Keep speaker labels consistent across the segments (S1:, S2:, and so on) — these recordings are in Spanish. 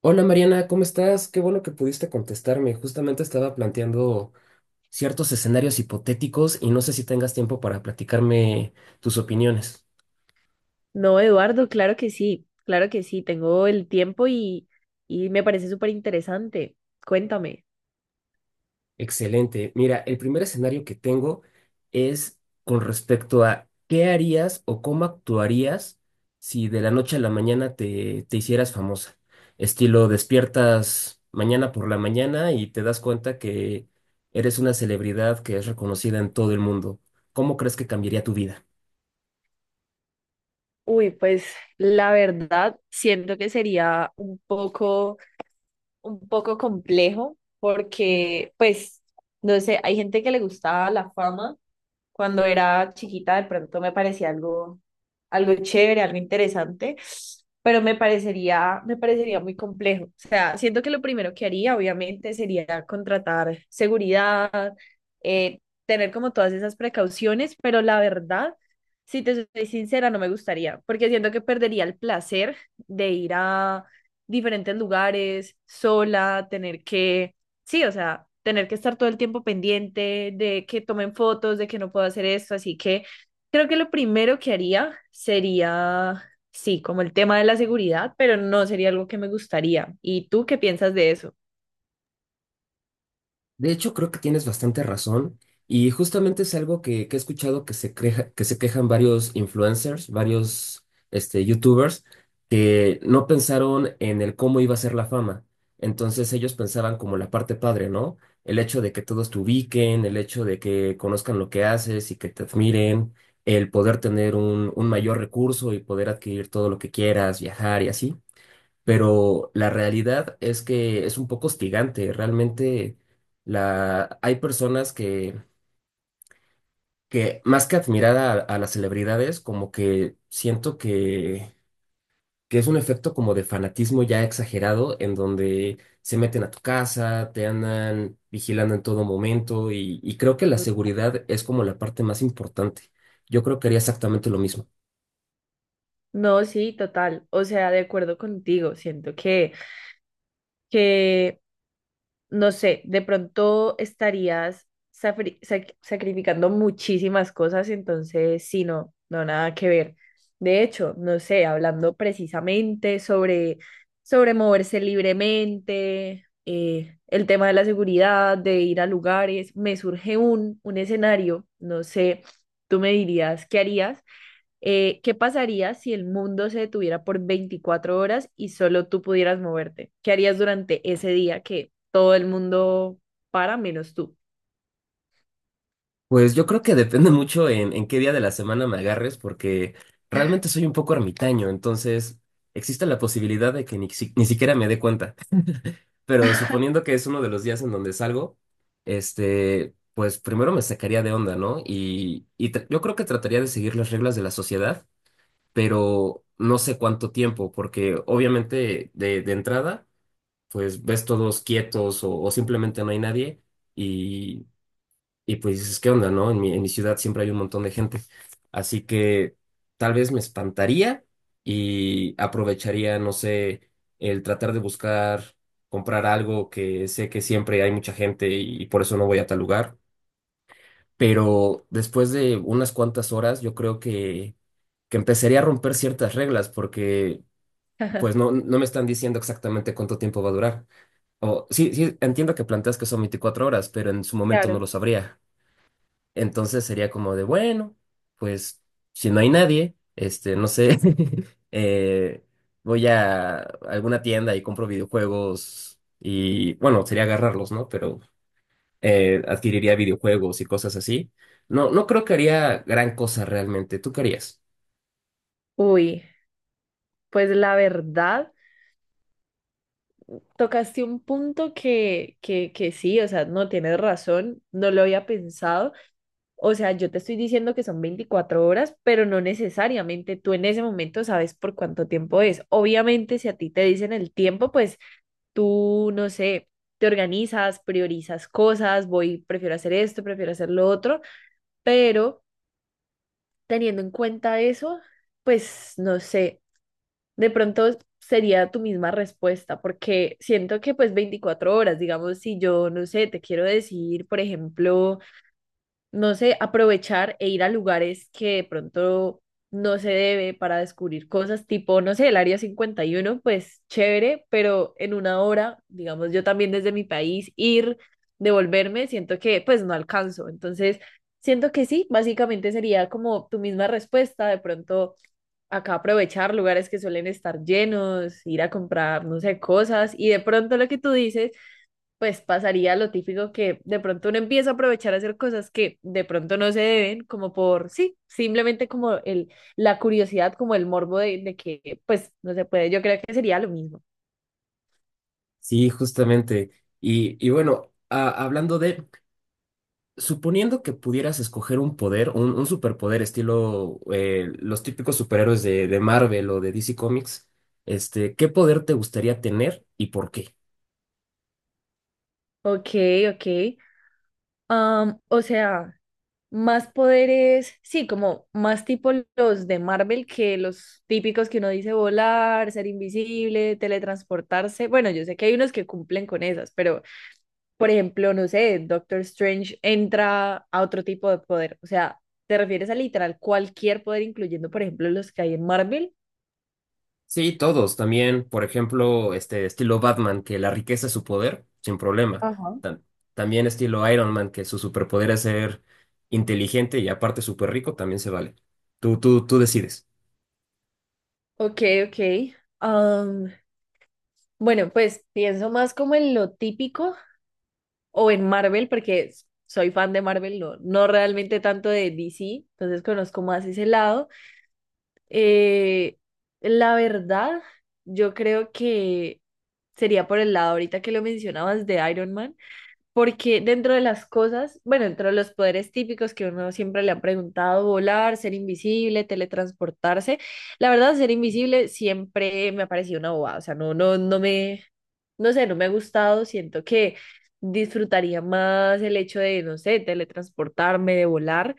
S1: Hola Mariana, ¿cómo estás? Qué bueno que pudiste contestarme. Justamente estaba planteando ciertos escenarios hipotéticos y no sé si tengas tiempo para platicarme tus opiniones.
S2: No, Eduardo, claro que sí, tengo el tiempo y me parece súper interesante. Cuéntame.
S1: Excelente. Mira, el primer escenario que tengo es con respecto a qué harías o cómo actuarías si de la noche a la mañana te hicieras famosa. Estilo, despiertas mañana por la mañana y te das cuenta que eres una celebridad que es reconocida en todo el mundo. ¿Cómo crees que cambiaría tu vida?
S2: Uy, pues la verdad siento que sería un poco complejo porque, pues, no sé, hay gente que le gusta la fama. Cuando era chiquita, de pronto me parecía algo chévere, algo interesante, pero me parecería muy complejo. O sea, siento que lo primero que haría, obviamente, sería contratar seguridad, eh, tener como todas esas precauciones, pero la verdad, si te soy sincera, no me gustaría, porque siento que perdería el placer de ir a diferentes lugares sola, tener que... Sí, o sea, tener que estar todo el tiempo pendiente de que tomen fotos, de que no puedo hacer esto, así que creo que lo primero que haría sería, sí, como el tema de la seguridad, pero no sería algo que me gustaría. ¿Y tú qué piensas de eso?
S1: De hecho, creo que tienes bastante razón y justamente es algo que he escuchado que que se quejan varios influencers, varios YouTubers que no pensaron en el cómo iba a ser la fama. Entonces ellos pensaban como la parte padre, ¿no? El hecho de que todos te ubiquen, el hecho de que conozcan lo que haces y que te admiren, el poder tener un mayor recurso y poder adquirir todo lo que quieras, viajar y así, pero la realidad es que es un poco hostigante. Realmente hay personas que más que admirar a las celebridades, como que siento que es un efecto como de fanatismo ya exagerado, en donde se meten a tu casa, te andan vigilando en todo momento y creo que la seguridad es como la parte más importante. Yo creo que haría exactamente lo mismo.
S2: No, sí, total. O sea, de acuerdo contigo, siento que no sé, de pronto estarías sacrificando muchísimas cosas, entonces sí, no, no, nada que ver. De hecho, no sé, hablando precisamente sobre, sobre moverse libremente, el tema de la seguridad, de ir a lugares, me surge un escenario, no sé, tú me dirías, ¿qué harías? ¿qué pasaría si el mundo se detuviera por 24 horas y solo tú pudieras moverte? ¿Qué harías durante ese día que todo el mundo para menos tú?
S1: Pues yo creo que depende mucho en qué día de la semana me agarres, porque realmente soy un poco ermitaño, entonces existe la posibilidad de que ni siquiera me dé cuenta. Pero suponiendo que es uno de los días en donde salgo, pues primero me sacaría de onda, ¿no? Yo creo que trataría de seguir las reglas de la sociedad, pero no sé cuánto tiempo, porque obviamente de entrada, pues ves todos quietos o simplemente no hay nadie. Y pues dices, ¿qué onda, no? En mi ciudad siempre hay un montón de gente. Así que tal vez me espantaría y aprovecharía, no sé, el tratar de buscar, comprar algo que sé que siempre hay mucha gente y por eso no voy a tal lugar. Pero después de unas cuantas horas, yo creo que empezaría a romper ciertas reglas porque pues no, no me están diciendo exactamente cuánto tiempo va a durar. O sí, sí, entiendo que planteas que son 24 horas, pero en su momento no
S2: Claro.
S1: lo sabría. Entonces sería como de, bueno, pues si no hay nadie, no sé, eh, voy a alguna tienda y compro videojuegos y bueno, sería agarrarlos, ¿no? Pero adquiriría videojuegos y cosas así. No, no creo que haría gran cosa realmente. ¿Tú qué harías?
S2: Uy, pues la verdad, tocaste un punto que sí, o sea, no tienes razón, no lo había pensado. O sea, yo te estoy diciendo que son 24 horas, pero no necesariamente tú en ese momento sabes por cuánto tiempo es. Obviamente, si a ti te dicen el tiempo, pues tú, no sé, te organizas, priorizas cosas, voy, prefiero hacer esto, prefiero hacer lo otro, pero teniendo en cuenta eso, pues no sé, de pronto sería tu misma respuesta, porque siento que pues 24 horas, digamos, si yo, no sé, te quiero decir, por ejemplo, no sé, aprovechar e ir a lugares que de pronto no se debe para descubrir cosas, tipo, no sé, el Área 51, pues chévere, pero en una hora, digamos, yo también desde mi país, ir, devolverme, siento que pues no alcanzo. Entonces, siento que sí, básicamente sería como tu misma respuesta, de pronto acá aprovechar lugares que suelen estar llenos, ir a comprar, no sé, cosas, y de pronto lo que tú dices, pues pasaría lo típico, que de pronto uno empieza a aprovechar a hacer cosas que de pronto no se deben, como por, sí, simplemente como el, la curiosidad, como el morbo de que, pues, no se puede. Yo creo que sería lo mismo.
S1: Sí, justamente. Y bueno, hablando de, suponiendo que pudieras escoger un poder, un superpoder estilo los típicos superhéroes de Marvel o de DC Comics, ¿qué poder te gustaría tener y por qué?
S2: Ok, ok. Am, o sea, más poderes, sí, como más tipo los de Marvel que los típicos que uno dice volar, ser invisible, teletransportarse. Bueno, yo sé que hay unos que cumplen con esas, pero por ejemplo, no sé, Doctor Strange entra a otro tipo de poder. O sea, ¿te refieres a literal cualquier poder, incluyendo, por ejemplo, los que hay en Marvel?
S1: Sí, todos. También, por ejemplo, este estilo Batman, que la riqueza es su poder, sin problema.
S2: Ajá.
S1: Tam- también estilo Iron Man, que su superpoder es ser inteligente y aparte súper rico, también se vale. Tú decides.
S2: Ok, ok. Am, bueno, pues pienso más como en lo típico o en Marvel, porque soy fan de Marvel, no, no realmente tanto de DC, entonces conozco más ese lado. Eh, la verdad, yo creo que sería por el lado ahorita que lo mencionabas de Iron Man. Porque dentro de las cosas, bueno, dentro de los poderes típicos que uno siempre le han preguntado, volar, ser invisible, teletransportarse, la verdad, ser invisible siempre me ha parecido una bobada, o sea, no sé, no me ha gustado, siento que disfrutaría más el hecho de, no sé, teletransportarme, de volar,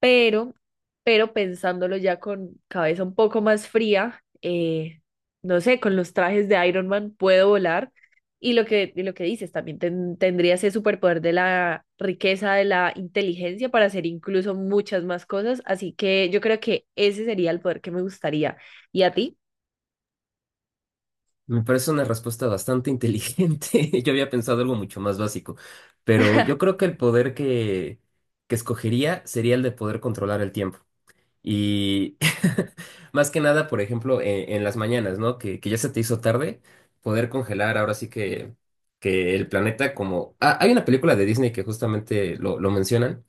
S2: pero, pero pensándolo ya con cabeza un poco más fría, no sé, con los trajes de Iron Man puedo volar. Y lo que dices, también tendría ese superpoder de la riqueza, de la inteligencia para hacer incluso muchas más cosas. Así que yo creo que ese sería el poder que me gustaría. ¿Y a ti?
S1: Me parece una respuesta bastante inteligente. Yo había pensado algo mucho más básico, pero yo creo que el poder que escogería sería el de poder controlar el tiempo. Y más que nada, por ejemplo, en las mañanas, ¿no? Que ya se te hizo tarde, poder congelar ahora sí que el planeta como... Ah, hay una película de Disney que justamente lo mencionan,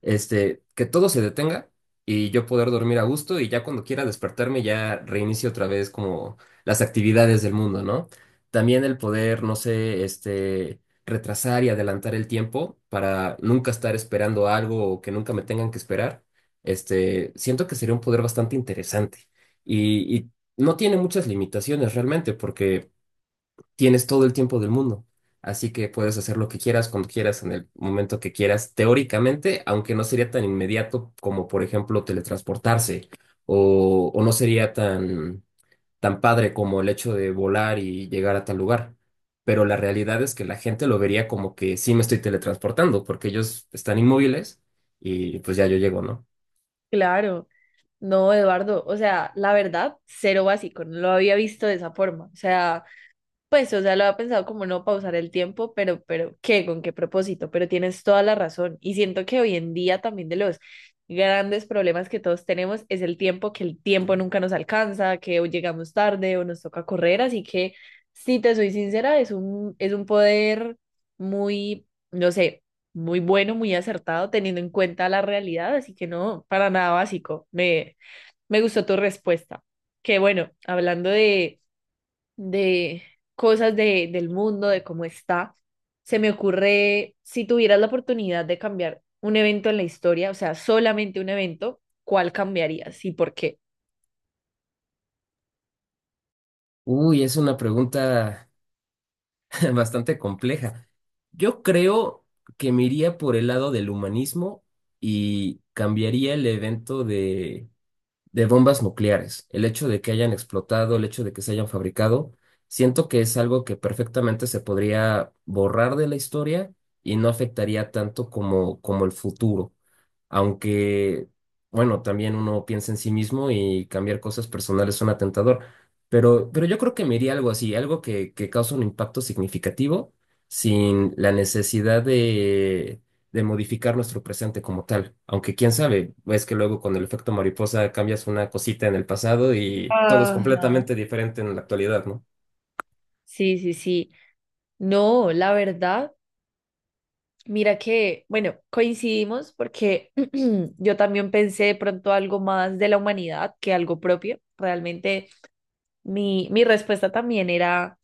S1: que todo se detenga y yo poder dormir a gusto y ya cuando quiera despertarme ya reinicio otra vez como las actividades del mundo, ¿no? También el poder, no sé, retrasar y adelantar el tiempo para nunca estar esperando algo o que nunca me tengan que esperar, siento que sería un poder bastante interesante. Y no tiene muchas limitaciones realmente, porque tienes todo el tiempo del mundo. Así que puedes hacer lo que quieras, cuando quieras, en el momento que quieras, teóricamente, aunque no sería tan inmediato como, por ejemplo, teletransportarse, o no sería tan, tan padre como el hecho de volar y llegar a tal lugar. Pero la realidad es que la gente lo vería como que sí me estoy teletransportando, porque ellos están inmóviles y pues ya yo llego, ¿no?
S2: Claro, no, Eduardo. O sea, la verdad, cero básico. No lo había visto de esa forma. O sea... Pues, o sea, lo había pensado como no pausar el tiempo, pero, ¿qué? ¿Con qué propósito? Pero tienes toda la razón. Y siento que hoy en día también de los grandes problemas que todos tenemos es el tiempo, que el tiempo nunca nos alcanza, que o llegamos tarde o nos toca correr. Así que, si te soy sincera, es un poder muy, no sé, muy bueno, muy acertado, teniendo en cuenta la realidad. Así que no, para nada básico. Me gustó tu respuesta. Que bueno, hablando de cosas de, del mundo, de cómo está. Se me ocurre, si tuvieras la oportunidad de cambiar un evento en la historia, o sea, solamente un evento, ¿cuál cambiarías y por qué?
S1: Uy, es una pregunta bastante compleja. Yo creo que me iría por el lado del humanismo y cambiaría el evento de bombas nucleares. El hecho de que hayan explotado, el hecho de que se hayan fabricado, siento que es algo que perfectamente se podría borrar de la historia y no afectaría tanto como, como el futuro, aunque, bueno, también uno piensa en sí mismo y cambiar cosas personales suena tentador, pero yo creo que me iría algo así, algo que causa un impacto significativo sin la necesidad de modificar nuestro presente como tal, aunque quién sabe, es que luego con el efecto mariposa cambias una cosita en el pasado y todo es
S2: Ajá.
S1: completamente diferente en la actualidad, ¿no?
S2: Sí, sí, sí. No, la verdad, mira que, bueno, coincidimos porque yo también pensé de pronto algo más de la humanidad que algo propio. Realmente mi respuesta también era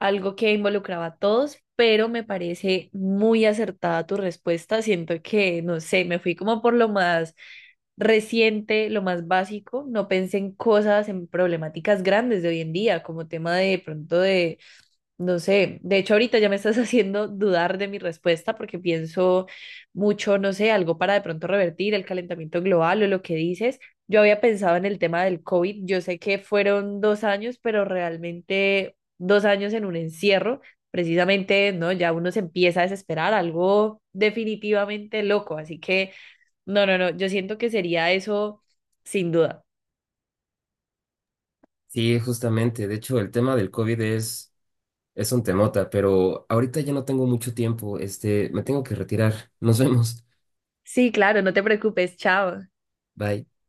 S2: algo que involucraba a todos, pero me parece muy acertada tu respuesta. Siento que, no sé, me fui como por lo más reciente, lo más básico. No pensé en cosas, en problemáticas grandes de hoy en día, como tema de pronto de no sé, de hecho ahorita ya me estás haciendo dudar de mi respuesta porque pienso mucho, no sé, algo para de pronto revertir el calentamiento global o lo que dices. Yo había pensado en el tema del COVID, yo sé que fueron 2 años, pero realmente 2 años en un encierro, precisamente, ¿no? Ya uno se empieza a desesperar, algo definitivamente loco, así que no, no, no, yo siento que sería eso sin duda.
S1: Sí, justamente, de hecho el tema del COVID es... Es un temota, pero ahorita ya no tengo mucho tiempo. Este, me tengo que retirar. Nos vemos.
S2: Sí, claro, no te preocupes, chao.
S1: Bye.